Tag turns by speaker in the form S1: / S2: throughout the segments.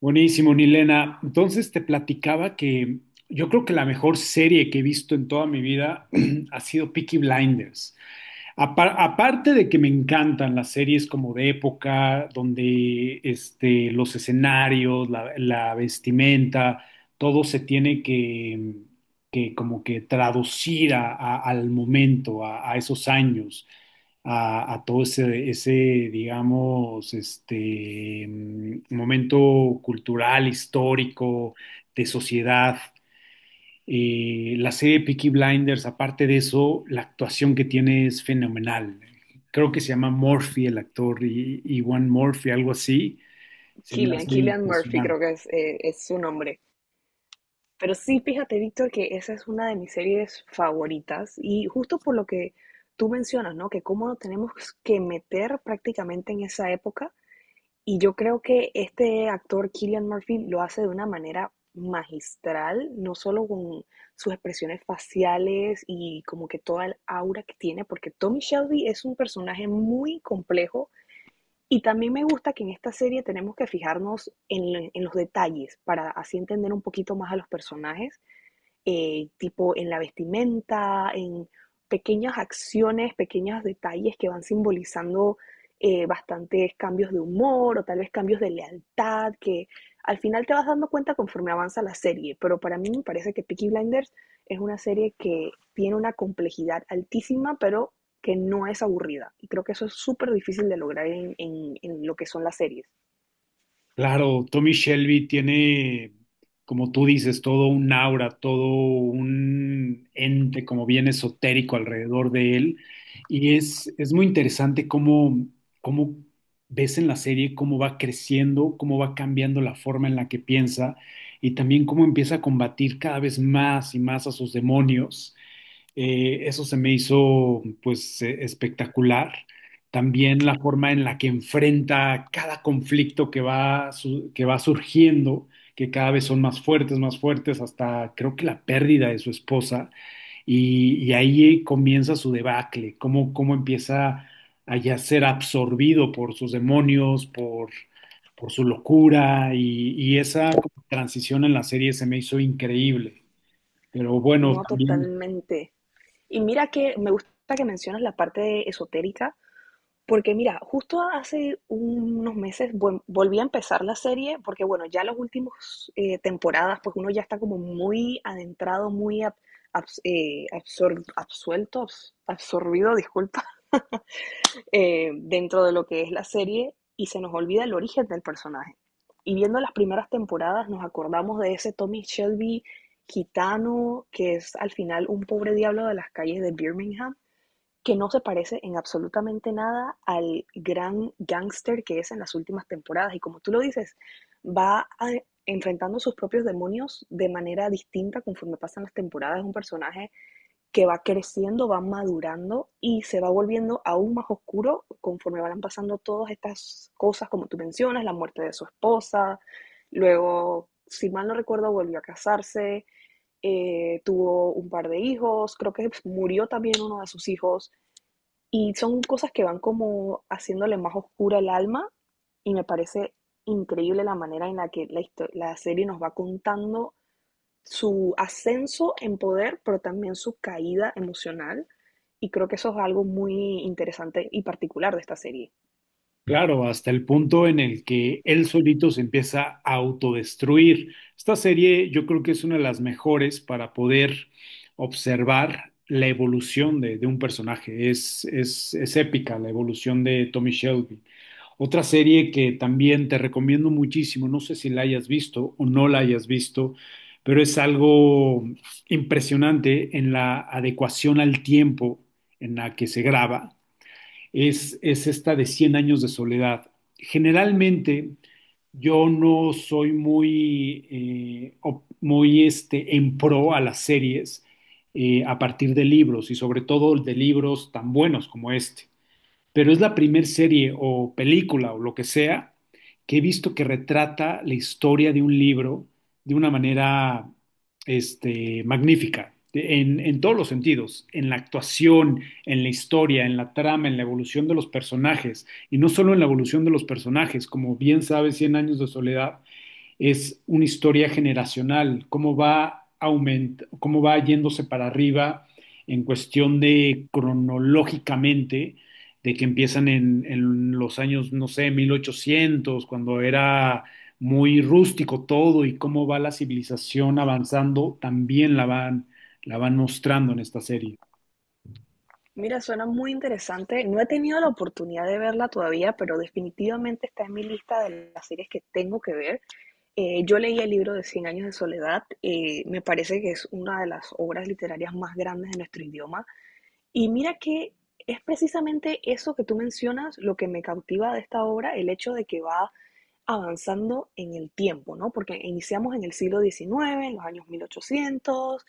S1: Buenísimo, Nilena. Entonces te platicaba que yo creo que la mejor serie que he visto en toda mi vida ha sido Peaky Blinders. Aparte de que me encantan las series como de época, donde los escenarios, la vestimenta, todo se tiene que como que traducir al momento, a esos años, a todo digamos, momento cultural, histórico, de sociedad. La serie Peaky Blinders, aparte de eso, la actuación que tiene es fenomenal. Creo que se llama Murphy el actor y One Murphy, algo así. Se me
S2: Killian,
S1: hace
S2: Killian Murphy
S1: impresionante.
S2: creo que es su nombre. Pero sí, fíjate, Víctor, que esa es una de mis series favoritas y justo por lo que tú mencionas, ¿no? Que cómo nos tenemos que meter prácticamente en esa época y yo creo que este actor Killian Murphy lo hace de una manera magistral, no solo con sus expresiones faciales y como que toda el aura que tiene, porque Tommy Shelby es un personaje muy complejo y también me gusta que en esta serie tenemos que fijarnos en los detalles para así entender un poquito más a los personajes, tipo en la vestimenta, en pequeñas acciones, pequeños detalles que van simbolizando, bastantes cambios de humor o tal vez cambios de lealtad que al final te vas dando cuenta conforme avanza la serie, pero para mí me parece que Peaky Blinders es una serie que tiene una complejidad altísima, pero que no es aburrida. Y creo que eso es súper difícil de lograr en, lo que son las series.
S1: Claro, Tommy Shelby tiene, como tú dices, todo un aura, todo un ente como bien esotérico alrededor de él. Es muy interesante cómo ves en la serie cómo va creciendo, cómo va cambiando la forma en la que piensa y también cómo empieza a combatir cada vez más y más a sus demonios. Eso se me hizo pues espectacular. También la forma en la que enfrenta cada conflicto que que va surgiendo, que cada vez son más fuertes, hasta creo que la pérdida de su esposa. Y ahí comienza su debacle, cómo empieza a ya ser absorbido por sus demonios, por su locura. Y esa como transición en la serie se me hizo increíble. Pero bueno,
S2: No,
S1: también
S2: totalmente. Y mira que me gusta que mencionas la parte esotérica, porque mira, justo hace unos meses volví a empezar la serie, porque bueno, ya las últimas temporadas, pues uno ya está como muy adentrado, muy ab- abs- absor- absuelto, abs- absorbido, disculpa, dentro de lo que es la serie y se nos olvida el origen del personaje. Y viendo las primeras temporadas nos acordamos de ese Tommy Shelby gitano que es al final un pobre diablo de las calles de Birmingham que no se parece en absolutamente nada al gran gángster que es en las últimas temporadas. Y como tú lo dices, va a- enfrentando sus propios demonios de manera distinta conforme pasan las temporadas. Es un personaje que va creciendo, va madurando y se va volviendo aún más oscuro conforme van pasando todas estas cosas, como tú mencionas, la muerte de su esposa, luego, si mal no recuerdo, volvió a casarse, tuvo un par de hijos, creo que murió también uno de sus hijos. Y son cosas que van como haciéndole más oscura el alma y me parece increíble la manera en la que la serie nos va contando su ascenso en poder, pero también su caída emocional. Y creo que eso es algo muy interesante y particular de esta serie.
S1: claro, hasta el punto en el que él solito se empieza a autodestruir. Esta serie yo creo que es una de las mejores para poder observar la evolución de un personaje. Es épica la evolución de Tommy Shelby. Otra serie que también te recomiendo muchísimo, no sé si la hayas visto o no la hayas visto, pero es algo impresionante en la adecuación al tiempo en la que se graba es esta de Cien Años de Soledad. Generalmente yo no soy muy, muy en pro a las series a partir de libros y sobre todo de libros tan buenos como este, pero es la primer serie o película o lo que sea que he visto que retrata la historia de un libro de una manera magnífica, en todos los sentidos, en la actuación, en la historia, en la trama, en la evolución de los personajes, y no solo en la evolución de los personajes, como bien sabes, Cien Años de Soledad es una historia generacional, cómo va yéndose para arriba en cuestión de cronológicamente, de que empiezan en los años, no sé, 1800, cuando era muy rústico todo y cómo va la civilización avanzando, también la van mostrando en esta serie.
S2: Mira, suena muy interesante. No he tenido la oportunidad de verla todavía, pero definitivamente está en mi lista de las series que tengo que ver. Yo leí el libro de Cien años de soledad. Me parece que es una de las obras literarias más grandes de nuestro idioma. Y mira que es precisamente eso que tú mencionas lo que me cautiva de esta obra, el hecho de que va avanzando en el tiempo, ¿no? Porque iniciamos en el siglo XIX, en los años mil ochocientos,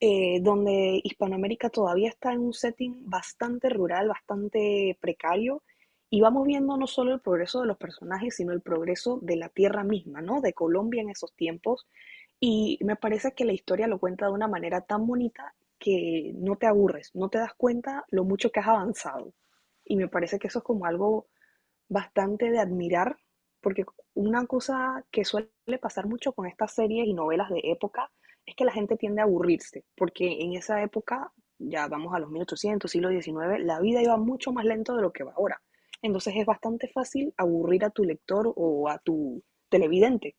S2: donde Hispanoamérica todavía está en un setting bastante rural, bastante precario, y vamos viendo no solo el progreso de los personajes, sino el progreso de la tierra misma, ¿no? De Colombia en esos tiempos, y me parece que la historia lo cuenta de una manera tan bonita que no te aburres, no te das cuenta lo mucho que has avanzado. Y me parece que eso es como algo bastante de admirar, porque una cosa que suele pasar mucho con estas series y novelas de época es que la gente tiende a aburrirse, porque en esa época, ya vamos a los 1800 siglo diecinueve, la vida iba mucho más lento de lo que va ahora. Entonces es bastante fácil aburrir a tu lector o a tu televidente.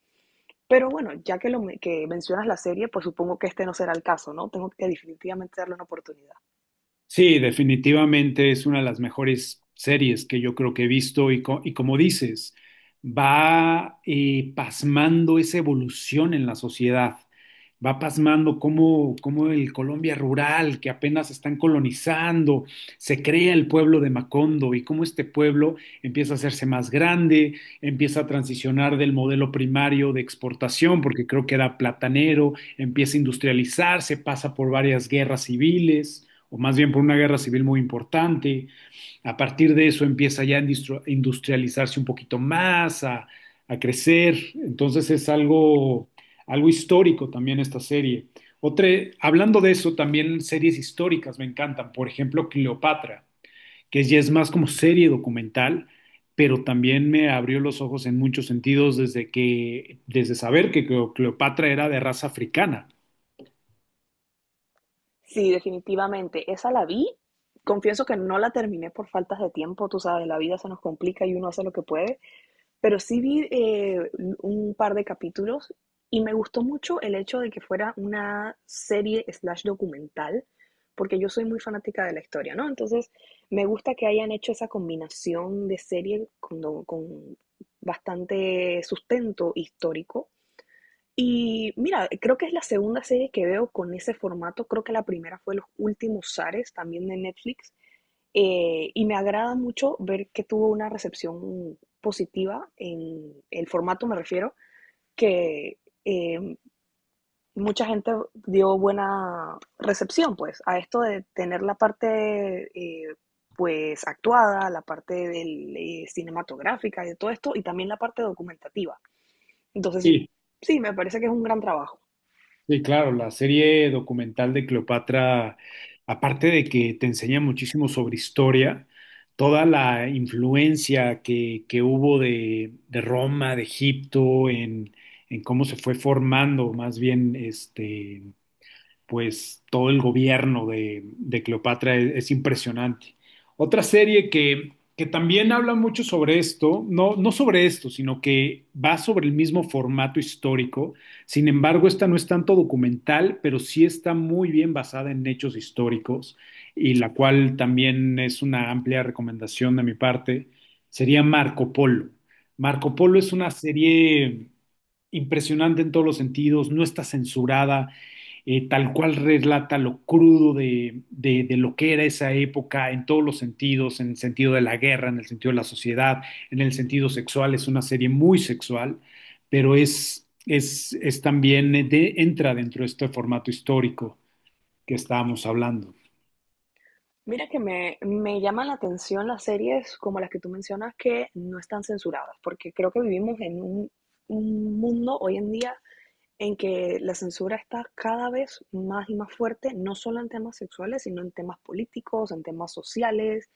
S2: Pero bueno, ya que mencionas la serie, pues supongo que este no será el caso, ¿no? Tengo que definitivamente darle una oportunidad.
S1: Sí, definitivamente es una de las mejores series que yo creo que he visto y como dices, va pasmando esa evolución en la sociedad, va pasmando cómo el Colombia rural, que apenas están colonizando, se crea el pueblo de Macondo y cómo este pueblo empieza a hacerse más grande, empieza a transicionar del modelo primario de exportación, porque creo que era platanero, empieza a industrializarse, pasa por varias guerras civiles o más bien por una guerra civil muy importante. A partir de eso empieza ya a industrializarse un poquito más, a crecer. Entonces es algo, algo histórico también esta serie. Otra, hablando de eso, también series históricas me encantan. Por ejemplo, Cleopatra, que ya es más como serie documental, pero también me abrió los ojos en muchos sentidos desde que, desde saber que Cleopatra era de raza africana.
S2: Sí, definitivamente. Esa la vi. Confieso que no la terminé por faltas de tiempo, tú sabes, la vida se nos complica y uno hace lo que puede, pero sí vi, un par de capítulos y me gustó mucho el hecho de que fuera una serie slash documental, porque yo soy muy fanática de la historia, ¿no? Entonces, me gusta que hayan hecho esa combinación de serie con, con bastante sustento histórico y mira, creo que es la segunda serie que veo con ese formato. Creo que la primera fue Los Últimos Zares, también de Netflix. Y me agrada mucho ver que tuvo una recepción positiva en el formato, me refiero, que eh, mucha gente dio buena recepción, pues, a esto de tener la parte, pues, actuada, la parte del cinematográfica y de todo esto, y también la parte documentativa. Entonces,
S1: Y
S2: sí, me parece que es un gran trabajo.
S1: sí, claro, la serie documental de Cleopatra, aparte de que te enseña muchísimo sobre historia, toda la influencia que hubo de Roma, de Egipto, en cómo se fue formando más bien este, pues todo el gobierno de Cleopatra es impresionante. Otra serie que también habla mucho sobre esto, no, no sobre esto, sino que va sobre el mismo formato histórico. Sin embargo, esta no es tanto documental, pero sí está muy bien basada en hechos históricos y la cual también es una amplia recomendación de mi parte, sería Marco Polo. Marco Polo es una serie impresionante en todos los sentidos, no está censurada, tal cual relata lo crudo de lo que era esa época en todos los sentidos, en el sentido de la guerra, en el sentido de la sociedad, en el sentido sexual, es una serie muy sexual, pero es también, entra dentro de este formato histórico que estábamos hablando.
S2: Mira que me llaman la atención las series como las que tú mencionas que no están censuradas, porque creo que vivimos en un mundo hoy en día en que la censura está cada vez más y más fuerte, no solo en temas sexuales, sino en temas políticos, en temas sociales,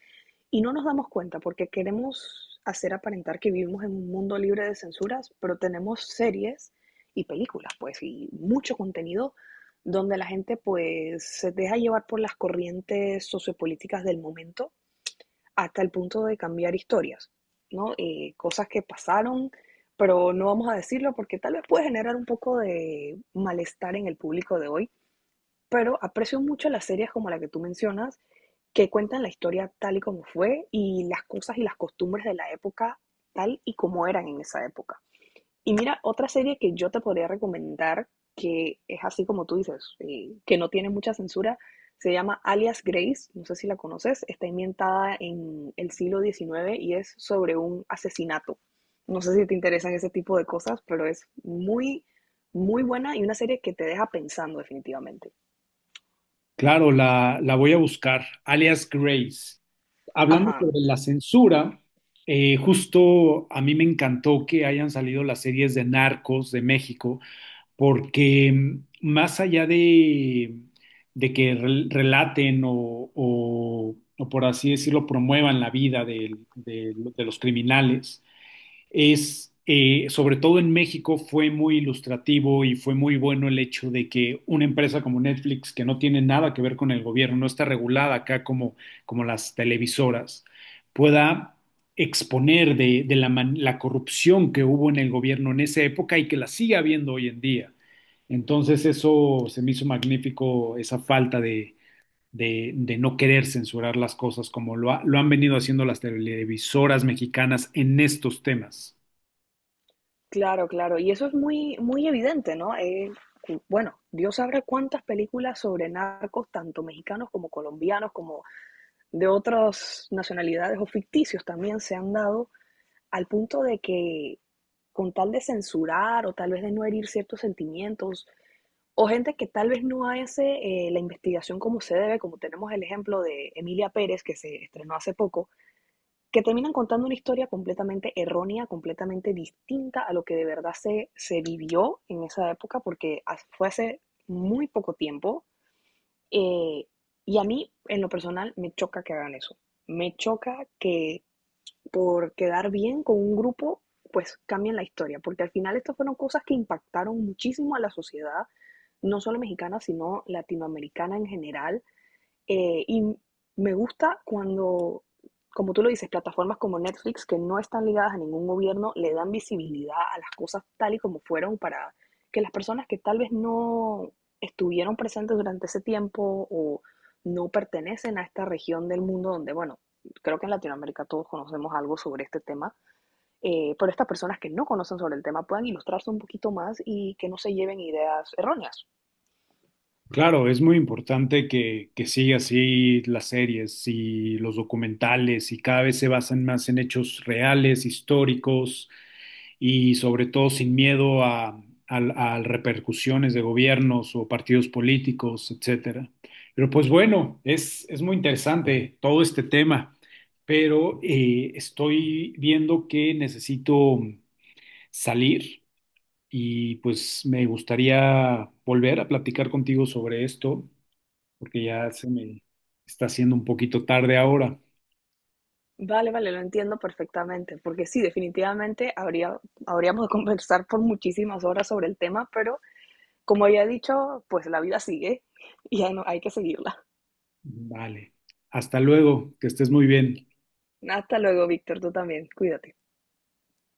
S2: y no nos damos cuenta porque queremos hacer aparentar que vivimos en un mundo libre de censuras, pero tenemos series y películas, pues, y mucho contenido donde la gente pues se deja llevar por las corrientes sociopolíticas del momento hasta el punto de cambiar historias, ¿no? Cosas que pasaron, pero no vamos a decirlo porque tal vez puede generar un poco de malestar en el público de hoy, pero aprecio mucho las series como la que tú mencionas que cuentan la historia tal y como fue y las cosas y las costumbres de la época tal y como eran en esa época. Y mira, otra serie que yo te podría recomendar, que es así como tú dices, que no tiene mucha censura, se llama Alias Grace, no sé si la conoces, está ambientada en el siglo XIX y es sobre un asesinato. No sé si te interesan ese tipo de cosas, pero es muy, muy buena y una serie que te deja pensando definitivamente.
S1: Claro, la voy a buscar, Alias Grace. Hablando
S2: Ajá.
S1: sobre la censura, justo a mí me encantó que hayan salido las series de Narcos de México, porque más allá de que relaten o por así decirlo, promuevan la vida de los criminales, sobre todo en México, fue muy ilustrativo y fue muy bueno el hecho de que una empresa como Netflix, que no tiene nada que ver con el gobierno, no está regulada acá como, como las televisoras, pueda exponer de la corrupción que hubo en el gobierno en esa época y que la sigue habiendo hoy en día. Entonces eso se me hizo magnífico, esa falta de no querer censurar las cosas como lo han venido haciendo las televisoras mexicanas en estos temas.
S2: Claro, claro. Y eso es muy, muy evidente, ¿no? Bueno, Dios sabrá cuántas películas sobre narcos, tanto mexicanos como colombianos, como de otras nacionalidades o ficticios también se han dado al punto de que con tal de censurar o tal vez de no herir ciertos sentimientos o gente que tal vez no hace, la investigación como se debe, como tenemos el ejemplo de Emilia Pérez que se estrenó hace poco, que terminan contando una historia completamente errónea, completamente distinta a lo que de verdad se vivió en esa época, porque fue hace muy poco tiempo. eh, y a mí, en lo personal, me choca que hagan eso. Me choca que por quedar bien con un grupo, pues cambien la historia, porque al final estas fueron cosas que impactaron muchísimo a la sociedad, no solo mexicana, sino latinoamericana en general. Y me gusta cuando, como tú lo dices, plataformas como Netflix, que no están ligadas a ningún gobierno, le dan visibilidad a las cosas tal y como fueron para que las personas que tal vez no estuvieron presentes durante ese tiempo o no pertenecen a esta región del mundo donde, bueno, creo que en Latinoamérica todos conocemos algo sobre este tema, pero estas personas que no conocen sobre el tema puedan ilustrarse un poquito más y que no se lleven ideas erróneas.
S1: Claro, es muy importante que siga así las series y los documentales y cada vez se basan más en hechos reales, históricos y sobre todo sin miedo a repercusiones de gobiernos o partidos políticos, etcétera. Pero pues bueno, es muy interesante todo este tema, pero estoy viendo que necesito salir y pues me gustaría volver a platicar contigo sobre esto porque ya se me está haciendo un poquito tarde ahora.
S2: Vale, vale, lo entiendo perfectamente, porque sí, definitivamente habríamos de conversar por muchísimas horas sobre el tema, pero como ya he dicho, pues la vida sigue y hay que seguirla.
S1: Vale. Hasta luego, que estés muy bien.
S2: Hasta luego, Víctor, tú también, cuídate.